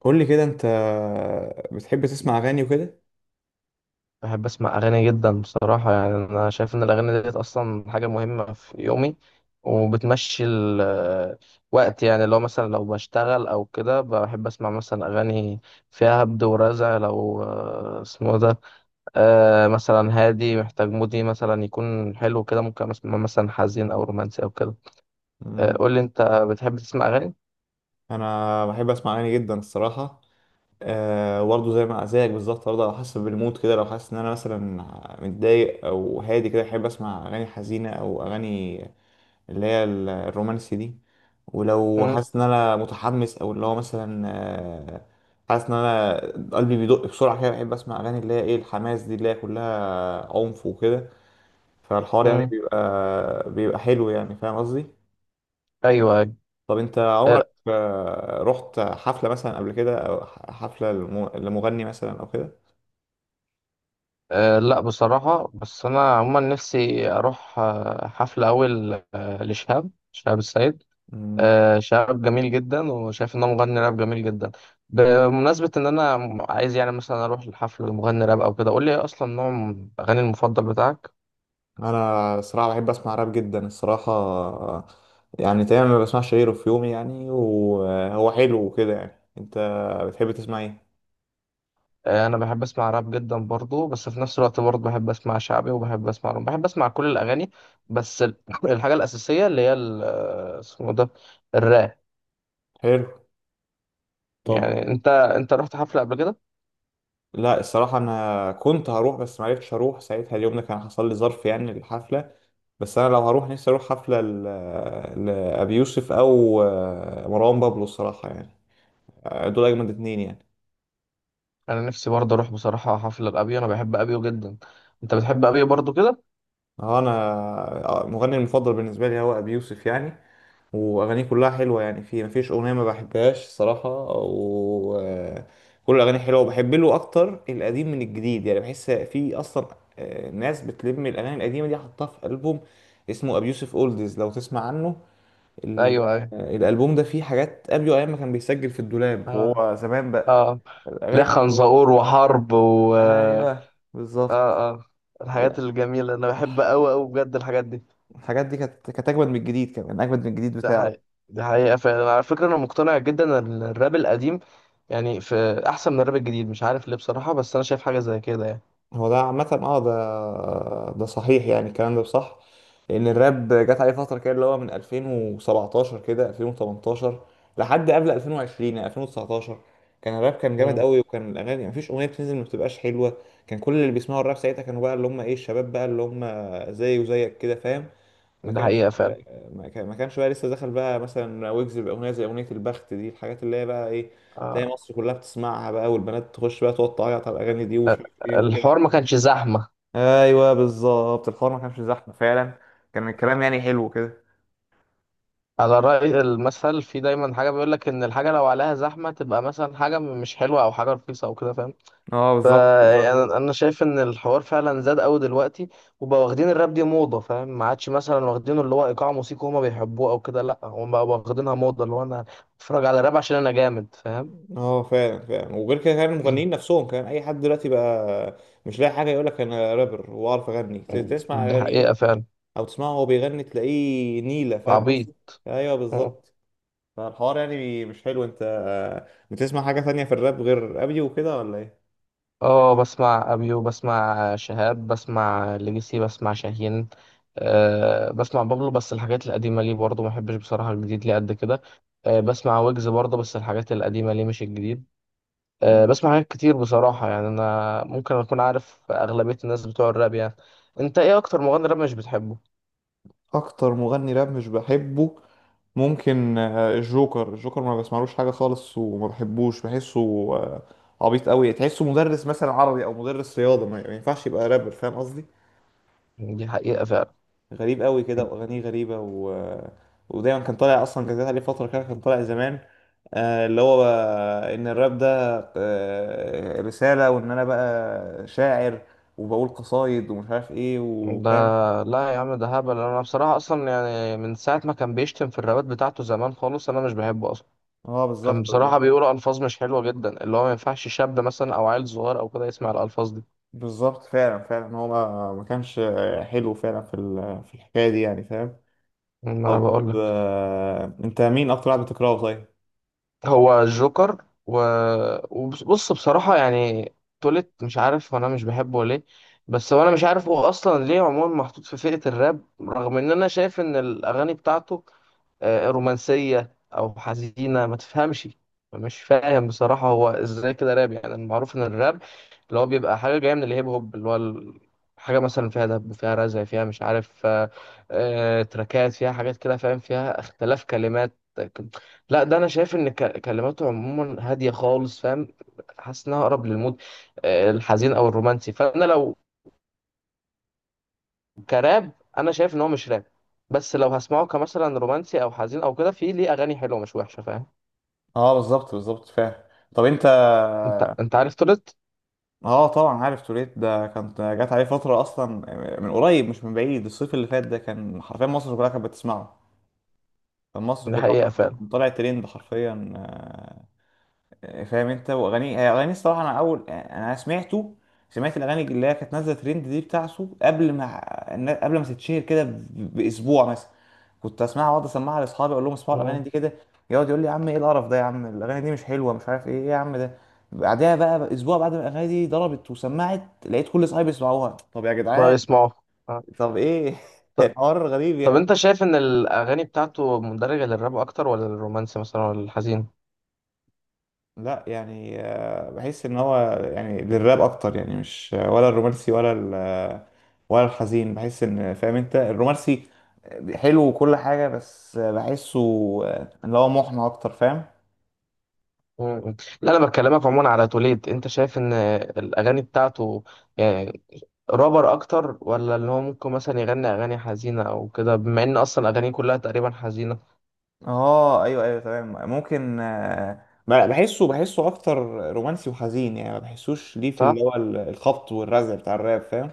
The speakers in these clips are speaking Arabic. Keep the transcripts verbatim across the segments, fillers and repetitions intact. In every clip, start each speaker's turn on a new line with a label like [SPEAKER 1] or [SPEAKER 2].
[SPEAKER 1] قول لي كده انت بتحب تسمع اغاني وكده؟
[SPEAKER 2] بحب اسمع اغاني جدا بصراحه، يعني انا شايف ان الاغاني ديت اصلا حاجه مهمه في يومي، وبتمشي الوقت. يعني لو مثلا، لو بشتغل او كده، بحب اسمع مثلا اغاني فيها هبد ورزع، لو آه، اسمه ده. آه، مثلا هادي، محتاج مودي مثلا يكون حلو كده، ممكن اسمع مثلا حزين او رومانسي او كده. آه،
[SPEAKER 1] مم.
[SPEAKER 2] قول لي انت، بتحب تسمع اغاني؟
[SPEAKER 1] انا بحب اسمع اغاني جدا الصراحه. أه، برضه زي ما زيك بالظبط، برضه على حسب المود كده، لو حاسس ان انا مثلا متضايق او هادي كده احب اسمع اغاني حزينه او اغاني اللي هي ال- الرومانسي دي. ولو
[SPEAKER 2] مم،
[SPEAKER 1] حاسس ان انا متحمس او اللي هو مثلا أه حاسس ان انا قلبي بيدق بسرعه كده، بحب اسمع اغاني اللي هي ايه الحماس دي اللي هي كلها عنف وكده. فالحوار يعني
[SPEAKER 2] مم.
[SPEAKER 1] بيبقى بيبقى حلو، يعني فاهم قصدي؟
[SPEAKER 2] ايوه. أيوة.
[SPEAKER 1] طب انت عمرك آه، رحت حفلة مثلا قبل كده، او ح- حفلة لم- لمغني مثلا او كده؟
[SPEAKER 2] أه، لا بصراحة، بس أنا عموما نفسي أروح آه، حفلة، أول آه، لشهاب، شهاب السيد.
[SPEAKER 1] مم.
[SPEAKER 2] أه، شهاب جميل جدا، وشايف إن هو مغني راب جميل جدا. بمناسبة إن أنا عايز يعني مثلا أروح لحفل مغني راب أو كده، قول لي إيه أصلا نوع الأغاني المفضل بتاعك؟
[SPEAKER 1] انا الصراحة بحب اسمع راب جدا الصراحة. آه، يعني تقريبا ما بسمعش غيره في يومي، يعني وهو حلو وكده. يعني انت بتحب تسمع ايه؟
[SPEAKER 2] أه، أنا بحب أسمع راب جدا برضو، بس في نفس الوقت برضو بحب أسمع شعبي، وبحب أسمع روم، بحب أسمع كل الأغاني. بس ال- الحاجة الأساسية اللي هي ال- آه، اسمه ده، الراب.
[SPEAKER 1] حلو. طب،
[SPEAKER 2] يعني أنت أنت رحت حفلة قبل كده؟
[SPEAKER 1] لا الصراحة انا كنت هروح بس معرفتش اروح ساعتها، اليوم ده كان حصل لي ظرف يعني الحفلة. بس انا لو هروح نفسي اروح حفلة ل- لأبي يوسف، او آه، مروان بابلو، الصراحة يعني. آه، دول اجمد اتنين يعني.
[SPEAKER 2] انا نفسي برضه اروح بصراحه حفله لابيو، انا بحب ابيو جدا. انت بتحب ابيو برضه كده؟
[SPEAKER 1] اه انا، آه، مغني المفضل بالنسبه لي هو ابي يوسف يعني. واغانيه كلها حلوه، يعني في مفيش اغنيه ما بحبهاش الصراحه. و آه، كل الاغاني حلوه، وبحب له اكتر القديم من الجديد. يعني بحس في اصلا آه، ناس بتلم الاغاني القديمه دي، حطها في البوم اسمه ابي يوسف اولدز لو تسمع عنه. ال-
[SPEAKER 2] ايوه، ايوه.
[SPEAKER 1] آه، الالبوم ده فيه حاجات ابيو ايام ما كان بيسجل في الدولاب،
[SPEAKER 2] اه،
[SPEAKER 1] وهو زمان بقى.
[SPEAKER 2] اه. لا،
[SPEAKER 1] الاغاني بتاعته جامدة.
[SPEAKER 2] خنزقور وحرب، و اه
[SPEAKER 1] ايوه بالظبط.
[SPEAKER 2] اه اه. الحاجات
[SPEAKER 1] لا،
[SPEAKER 2] الجميله انا بحب قوي قوي بجد الحاجات دي.
[SPEAKER 1] الحاجات دي كانت كانت اجمد من الجديد، كمان اجمد من الجديد
[SPEAKER 2] ده
[SPEAKER 1] بتاعه.
[SPEAKER 2] حقيقة. ده حقيقه فعلا، على فكره انا مقتنع جدا ان الراب القديم يعني في احسن من الراب الجديد، مش عارف ليه بصراحه، بس انا شايف حاجه زي كده يعني.
[SPEAKER 1] هو ده عامة، اه. ده ده صحيح، يعني الكلام ده صح. لأن الراب جت عليه فترة كده، اللي هو من ألفين وسبعتاشر كده، ألفين وتمنتاشر، لحد قبل ألفين وعشرين، يعني ألفين وتسعة عشر. كان الراب كان جامد
[SPEAKER 2] مم.
[SPEAKER 1] قوي، وكان الأغاني مفيش أغنية بتنزل ما بتبقاش حلوة. كان كل اللي بيسمعوا الراب ساعتها كانوا بقى اللي هم إيه، الشباب بقى اللي هم زي وزيك كده، فاهم؟ ما
[SPEAKER 2] ده
[SPEAKER 1] كانش
[SPEAKER 2] حقيقه فعلا.
[SPEAKER 1] ما كان- ما كانش بقى لسه دخل بقى مثلا ويجز بأغنية زي أغنية البخت دي، الحاجات اللي هي بقى إيه، تلاقي
[SPEAKER 2] آه.
[SPEAKER 1] مصر كلها بتسمعها بقى، والبنات تخش بقى تقعد تعيط على الأغاني دي، ومش
[SPEAKER 2] آه،
[SPEAKER 1] عارف
[SPEAKER 2] الحوار
[SPEAKER 1] إيه.
[SPEAKER 2] ما كانش زحمه.
[SPEAKER 1] ايوه بالظبط، الحوار ما كانش زحمه فعلا. كان الكلام يعني حلو كده.
[SPEAKER 2] على رأي المثل، في دايما حاجة بيقول لك إن الحاجة لو عليها زحمة تبقى مثلا حاجة م- مش حلوة، أو حاجة رخيصة أو كده، فاهم؟
[SPEAKER 1] اه بالظبط بالظبط.
[SPEAKER 2] فأنا أنا شايف إن الحوار فعلا زاد أوي دلوقتي، وبقوا واخدين الراب دي موضة، فاهم؟ ما عادش مثلا واخدينه اللي هو إيقاع موسيقي هما بيحبوه أو كده، لأ، هما بقوا واخدينها موضة، اللي هو أنا أتفرج على راب عشان أنا جامد، فاهم؟
[SPEAKER 1] اه فعلا فعلا، وغير كده كان المغنيين نفسهم، كان اي حد دلوقتي بقى مش لاقي حاجه يقول لك انا رابر واعرف اغني، ت- تسمع
[SPEAKER 2] دي
[SPEAKER 1] اغانيه
[SPEAKER 2] حقيقة فعلا.
[SPEAKER 1] او تسمعه وهو بيغني تلاقيه نيله، فاهم
[SPEAKER 2] عبيط.
[SPEAKER 1] قصدي؟ ايوه بالظبط. فالحوار يعني مش حلو. انت بتسمع حاجه تانية في الراب غير ابي وكده ولا؟
[SPEAKER 2] اه، بسمع أبيو، بسمع شهاب، بسمع ليجاسي، بسمع شاهين. أه، بسمع بابلو، بس الحاجات القديمة ليه برضه، ما بحبش بصراحة الجديد ليه قد كده. أه، بسمع ويجز برضه، بس الحاجات القديمة ليه مش الجديد. أه،
[SPEAKER 1] ايه
[SPEAKER 2] بسمع حاجات كتير بصراحة، يعني أنا ممكن أكون عارف أغلبية الناس بتوع الراب يعني. أنت إيه أكتر مغني راب مش بتحبه؟
[SPEAKER 1] اكتر مغني راب مش بحبه؟ ممكن آه، الجوكر الجوكر. ما بسمعلوش حاجه خالص، وما بحبوش، بحسه آه، عبيط قوي. تحسه مدرس مثلا عربي او مدرس رياضه، ما ما ينفعش يبقى رابر، فاهم قصدي؟
[SPEAKER 2] دي حقيقة فعلا.
[SPEAKER 1] غريب قوي كده، واغانيه غريبه و... آه، ودايما كان طالع. اصلا كان جات عليه فتره كده كان طالع زمان، آه، اللي هو بقى ان الراب ده آه، رساله، وان انا بقى شاعر وبقول قصايد ومش عارف ايه،
[SPEAKER 2] ده
[SPEAKER 1] وفاهم.
[SPEAKER 2] لا يا عم، ده هبل. أنا بصراحة أصلا يعني من ساعة ما كان بيشتم في الرابات بتاعته زمان خالص، أنا مش بحبه أصلا.
[SPEAKER 1] اه
[SPEAKER 2] كان
[SPEAKER 1] بالظبط
[SPEAKER 2] بصراحة بيقول ألفاظ مش حلوة جدا، اللي هو ما ينفعش شاب مثلا أو عيل صغير أو كده يسمع الألفاظ دي.
[SPEAKER 1] بالظبط، فعلا فعلا. هو ما ما كانش حلو فعلا، في ال- في الحكايه دي يعني، فاهم؟
[SPEAKER 2] ما أنا
[SPEAKER 1] طب،
[SPEAKER 2] بقول.
[SPEAKER 1] آه، انت مين اكتر واحد بتكرهه طيب؟
[SPEAKER 2] هو الجوكر، و... وبص، بصراحة يعني، تولت مش عارف، وانا مش بحبه ليه. بس هو انا مش عارف هو اصلا ليه عموما محطوط في فئة الراب، رغم ان انا شايف ان الاغاني بتاعته آه، رومانسية أو حزينة، ما تفهمش. مش فاهم بصراحة هو إزاي كده راب، يعني المعروف إن الراب اللي هو بيبقى حاجة جاية من الهيب هوب، اللي هو ال- حاجة مثلا فيها دب، فيها رزع، فيها مش عارف، آه، آه، تراكات فيها حاجات كده، فاهم؟ فيها اختلاف كلمات. لا، ده أنا شايف إن ك- كلماته عموما هادية خالص، فاهم؟ حاسس إنها أقرب للمود آه، الحزين أو الرومانسي. فأنا لو كراب، انا شايف ان هو مش راب. بس لو هسمعه كمثلا رومانسي او حزين او كده، في ليه اغاني حلوه مش وحشه، فاهم؟
[SPEAKER 1] اه بالظبط بالظبط فاهم. طب انت،
[SPEAKER 2] انت انت عارف تولت.
[SPEAKER 1] اه طبعا عارف توريت. ده كانت جات عليه فتره اصلا، من قريب مش من بعيد، الصيف اللي فات ده كان حرفيا مصر كلها كانت بتسمعه. كان مصر
[SPEAKER 2] دي
[SPEAKER 1] كلها
[SPEAKER 2] حقيقه فعلا.
[SPEAKER 1] كانت طلع ترند حرفيا، فاهم انت؟ واغاني هي اغاني الصراحه، انا اول انا سمعته سمعت الاغاني اللي هي كانت نازله ترند دي بتاعته، قبل ما قبل ما تتشهر كده ب- باسبوع مثلا. كنت اسمعها واقعد اسمعها لاصحابي، اقول لهم اسمعوا الاغاني
[SPEAKER 2] مم.
[SPEAKER 1] دي كده. يقعد يقول لي يا عم ايه القرف ده، يا عم الاغاني دي مش حلوه مش عارف ايه، ايه يا عم ده. بعدها بقى اسبوع، بعد ما الاغاني دي ضربت وسمعت، لقيت كل اصحابي بيسمعوها. طب يا
[SPEAKER 2] ما
[SPEAKER 1] جدعان!
[SPEAKER 2] يسمعه. آه.
[SPEAKER 1] طب ايه.
[SPEAKER 2] ط-
[SPEAKER 1] الحوار غريب
[SPEAKER 2] طب
[SPEAKER 1] يعني.
[SPEAKER 2] انت شايف ان الاغاني بتاعته مندرجه للراب اكتر، ولا للرومانسي مثلا، ولا الحزين؟
[SPEAKER 1] لا، يعني آه، بحس ان هو يعني للراب اكتر يعني، مش ولا الرومانسي ولا ال ولا الحزين. بحس ان، فاهم انت، الرومانسي حلو وكل حاجة، بس بحسه آه، اللي هو محنى اكتر، فاهم؟
[SPEAKER 2] مم. لا، انا بكلمك عموما على توليد، انت شايف ان الاغاني بتاعته يعني رابر اكتر، ولا اللي هو ممكن مثلا يغني اغاني حزينه او كده، بما ان اصلا اغانيه كلها تقريبا حزينه؟
[SPEAKER 1] اه ايوه ايوه تمام. ممكن آه، ب- بحسه بحسه اكتر رومانسي وحزين، يعني ما بحسوش ليه في اللي
[SPEAKER 2] صح.
[SPEAKER 1] هو ال- الخبط والرزع بتاع الراب فاهم.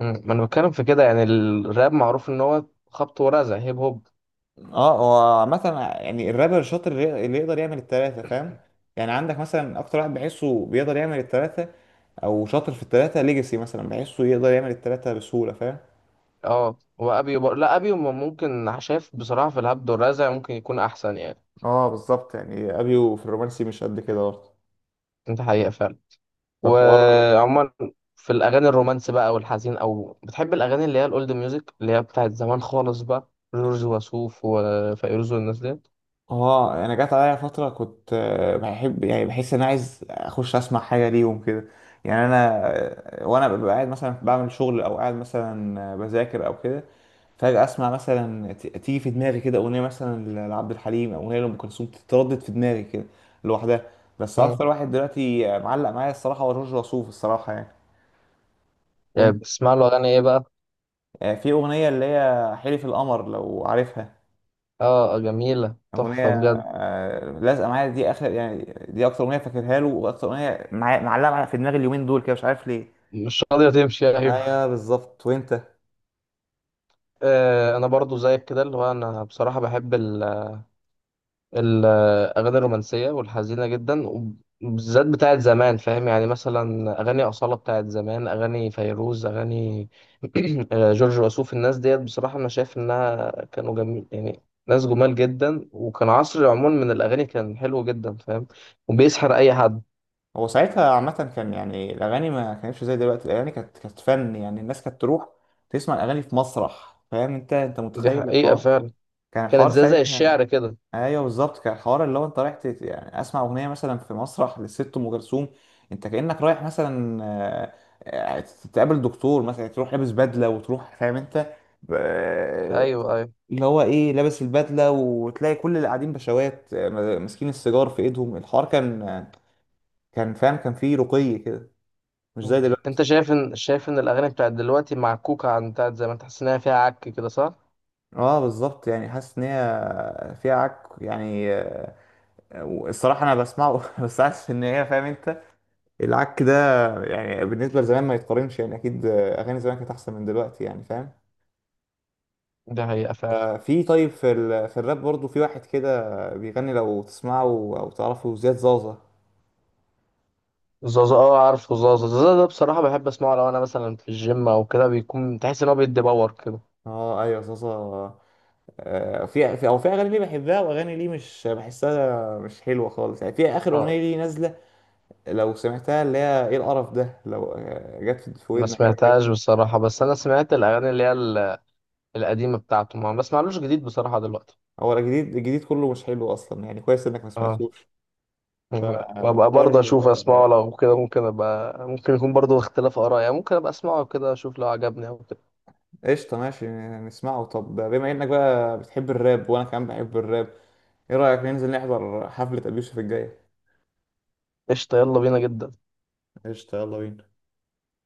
[SPEAKER 2] مم. ما انا بتكلم في كده، يعني الراب معروف ان هو خبط ورزع، هيب هوب.
[SPEAKER 1] اه هو عامة، يعني الرابر الشاطر اللي اللي يقدر يعمل التلاتة فاهم. يعني عندك مثلا أكتر واحد بحسه بيقدر يعمل التلاتة، أو شاطر في التلاتة، ليجاسي مثلا بحسه يقدر يعمل التلاتة بسهولة، فاهم.
[SPEAKER 2] اه، وابيو بر... لا، ابيو م- ممكن، شايف بصراحه في الهبد والرزع ممكن يكون احسن يعني.
[SPEAKER 1] اه بالظبط، يعني ابيو في الرومانسي مش قد كده برضه.
[SPEAKER 2] انت حقيقه فعلا.
[SPEAKER 1] فالحوار،
[SPEAKER 2] وعموما في الاغاني الرومانس بقى والحزين، او بتحب الاغاني اللي هي الاولد ميوزك اللي هي بتاعت زمان خالص، بقى جورج وسوف وفيروز والناس ديت؟
[SPEAKER 1] اه انا جات عليا فتره كنت آه، بحب، يعني بحس ان انا عايز اخش اسمع حاجه ليهم كده. يعني انا، آه، وانا ببقى قاعد مثلا بعمل شغل او قاعد مثلا آه، بذاكر او كده، فجاه اسمع مثلا، ت- تيجي في دماغي كده اغنيه مثلا ل- لعبد الحليم، او اغنيه لام كلثوم تتردد في دماغي كده لوحدها. بس
[SPEAKER 2] مم.
[SPEAKER 1] اكتر واحد دلوقتي آه، معلق معايا الصراحه هو جورج وسوف، الصراحه يعني.
[SPEAKER 2] يعني
[SPEAKER 1] وانت؟
[SPEAKER 2] بتسمع له اغاني ايه بقى؟
[SPEAKER 1] آه، في اغنيه اللي هي حلف القمر، لو عارفها.
[SPEAKER 2] اه، جميله تحفه
[SPEAKER 1] أغنية
[SPEAKER 2] بجد.
[SPEAKER 1] آه، لازقة معايا دي آخر يعني. دي أكتر أغنية فاكرها له، وأكتر أغنية معايا- معلقة معايا في دماغي اليومين دول كده، مش عارف ليه.
[SPEAKER 2] مش راضيه تمشي،
[SPEAKER 1] ايوه
[SPEAKER 2] ايوه.
[SPEAKER 1] بالظبط. وأنت؟
[SPEAKER 2] آه، انا برضو زيك كده، اللي هو انا بصراحه بحب الأغاني الرومانسية والحزينة جدا، وبالذات بتاعت زمان، فاهم؟ يعني مثلا أغاني أصالة بتاعت زمان، أغاني فيروز، أغاني جورج وسوف. الناس ديت بصراحة أنا شايف إنها كانوا جميل يعني، ناس جمال جدا، وكان عصر عموما من الأغاني كان حلو جدا، فاهم؟ وبيسحر أي حد.
[SPEAKER 1] هو ساعتها عامة كان يعني الأغاني ما كانتش زي دلوقتي. الأغاني كانت كانت فن. يعني الناس كانت تروح تسمع الأغاني في مسرح، فاهم أنت أنت
[SPEAKER 2] دي
[SPEAKER 1] متخيل
[SPEAKER 2] حقيقة
[SPEAKER 1] الحوار؟
[SPEAKER 2] فعلا.
[SPEAKER 1] كان
[SPEAKER 2] كانت
[SPEAKER 1] الحوار
[SPEAKER 2] زي زي
[SPEAKER 1] ساعتها،
[SPEAKER 2] الشعر كده.
[SPEAKER 1] ايوه بالظبط، كان الحوار اللي هو انت رايح، تت... يعني اسمع اغنيه مثلا في مسرح للست ام كلثوم. انت كانك رايح مثلا، آه، آه، تقابل دكتور مثلا، تروح لابس بدله وتروح، فاهم انت؟ آه،
[SPEAKER 2] أيوه، أيوه.
[SPEAKER 1] اللي هو ايه لابس البدله، وتلاقي كل اللي قاعدين بشوات آه، ماسكين السيجار في ايدهم. الحوار كان آه، كان فاهم، كان فيه رقي كده، مش
[SPEAKER 2] مم.
[SPEAKER 1] زي دلوقتي.
[SPEAKER 2] أنت شايف إن شايف إن الأغاني بتاعت دلوقتي معكوكة عن بتاعت زمان، تحس إنها فيها عك كده، صح؟
[SPEAKER 1] اه بالظبط، يعني حاسس ان هي فيها عك يعني. آه، الصراحه انا بسمعه بس حاسس ان هي، فاهم انت، العك ده يعني بالنسبة لزمان ما يتقارنش. يعني أكيد أغاني زمان كانت أحسن من دلوقتي يعني، فاهم؟
[SPEAKER 2] دي حقيقة فعلا.
[SPEAKER 1] آه، في، طيب، في ال... في الراب برضو في واحد كده بيغني لو تسمعه أو تعرفه، زياد زازا.
[SPEAKER 2] زازا، اه عارفه زازا زازا ده بصراحة بحب اسمعه لو انا مثلا في الجيم او كده، بيكون تحس ان هو بيدي باور كده.
[SPEAKER 1] اه ايوه زازا. آه، في في او في اغاني ليه بحبها، واغاني ليه مش بحسها مش حلوه خالص. يعني في اخر
[SPEAKER 2] اه،
[SPEAKER 1] اغنيه ليه نازله لو سمعتها، اللي هي ايه القرف ده، لو آه، جت في في
[SPEAKER 2] ما
[SPEAKER 1] ودنك قبل كده.
[SPEAKER 2] سمعتهاش بصراحة، بس انا سمعت الاغاني اللي هي ال- القديمة بتاعته، ما بسمعلوش جديد بصراحة دلوقتي.
[SPEAKER 1] هو الجديد، الجديد كله مش حلو اصلا، يعني كويس انك ما
[SPEAKER 2] اه،
[SPEAKER 1] سمعتوش.
[SPEAKER 2] وابقى برضه
[SPEAKER 1] فالحوار
[SPEAKER 2] اشوف، اسمعه
[SPEAKER 1] آه،
[SPEAKER 2] لو كده ممكن ابقى، ممكن يكون برضه اختلاف اراء، يعني ممكن ابقى اسمعه كده اشوف لو عجبني او كده.
[SPEAKER 1] قشطة، ماشي نسمعه. طب بما انك بقى بتحب الراب وانا كمان بحب الراب، ايه رأيك ننزل نحضر حفلة ابيوسف الجاية؟
[SPEAKER 2] قشطة، يلا بينا جدا.
[SPEAKER 1] قشطة، يلا بينا.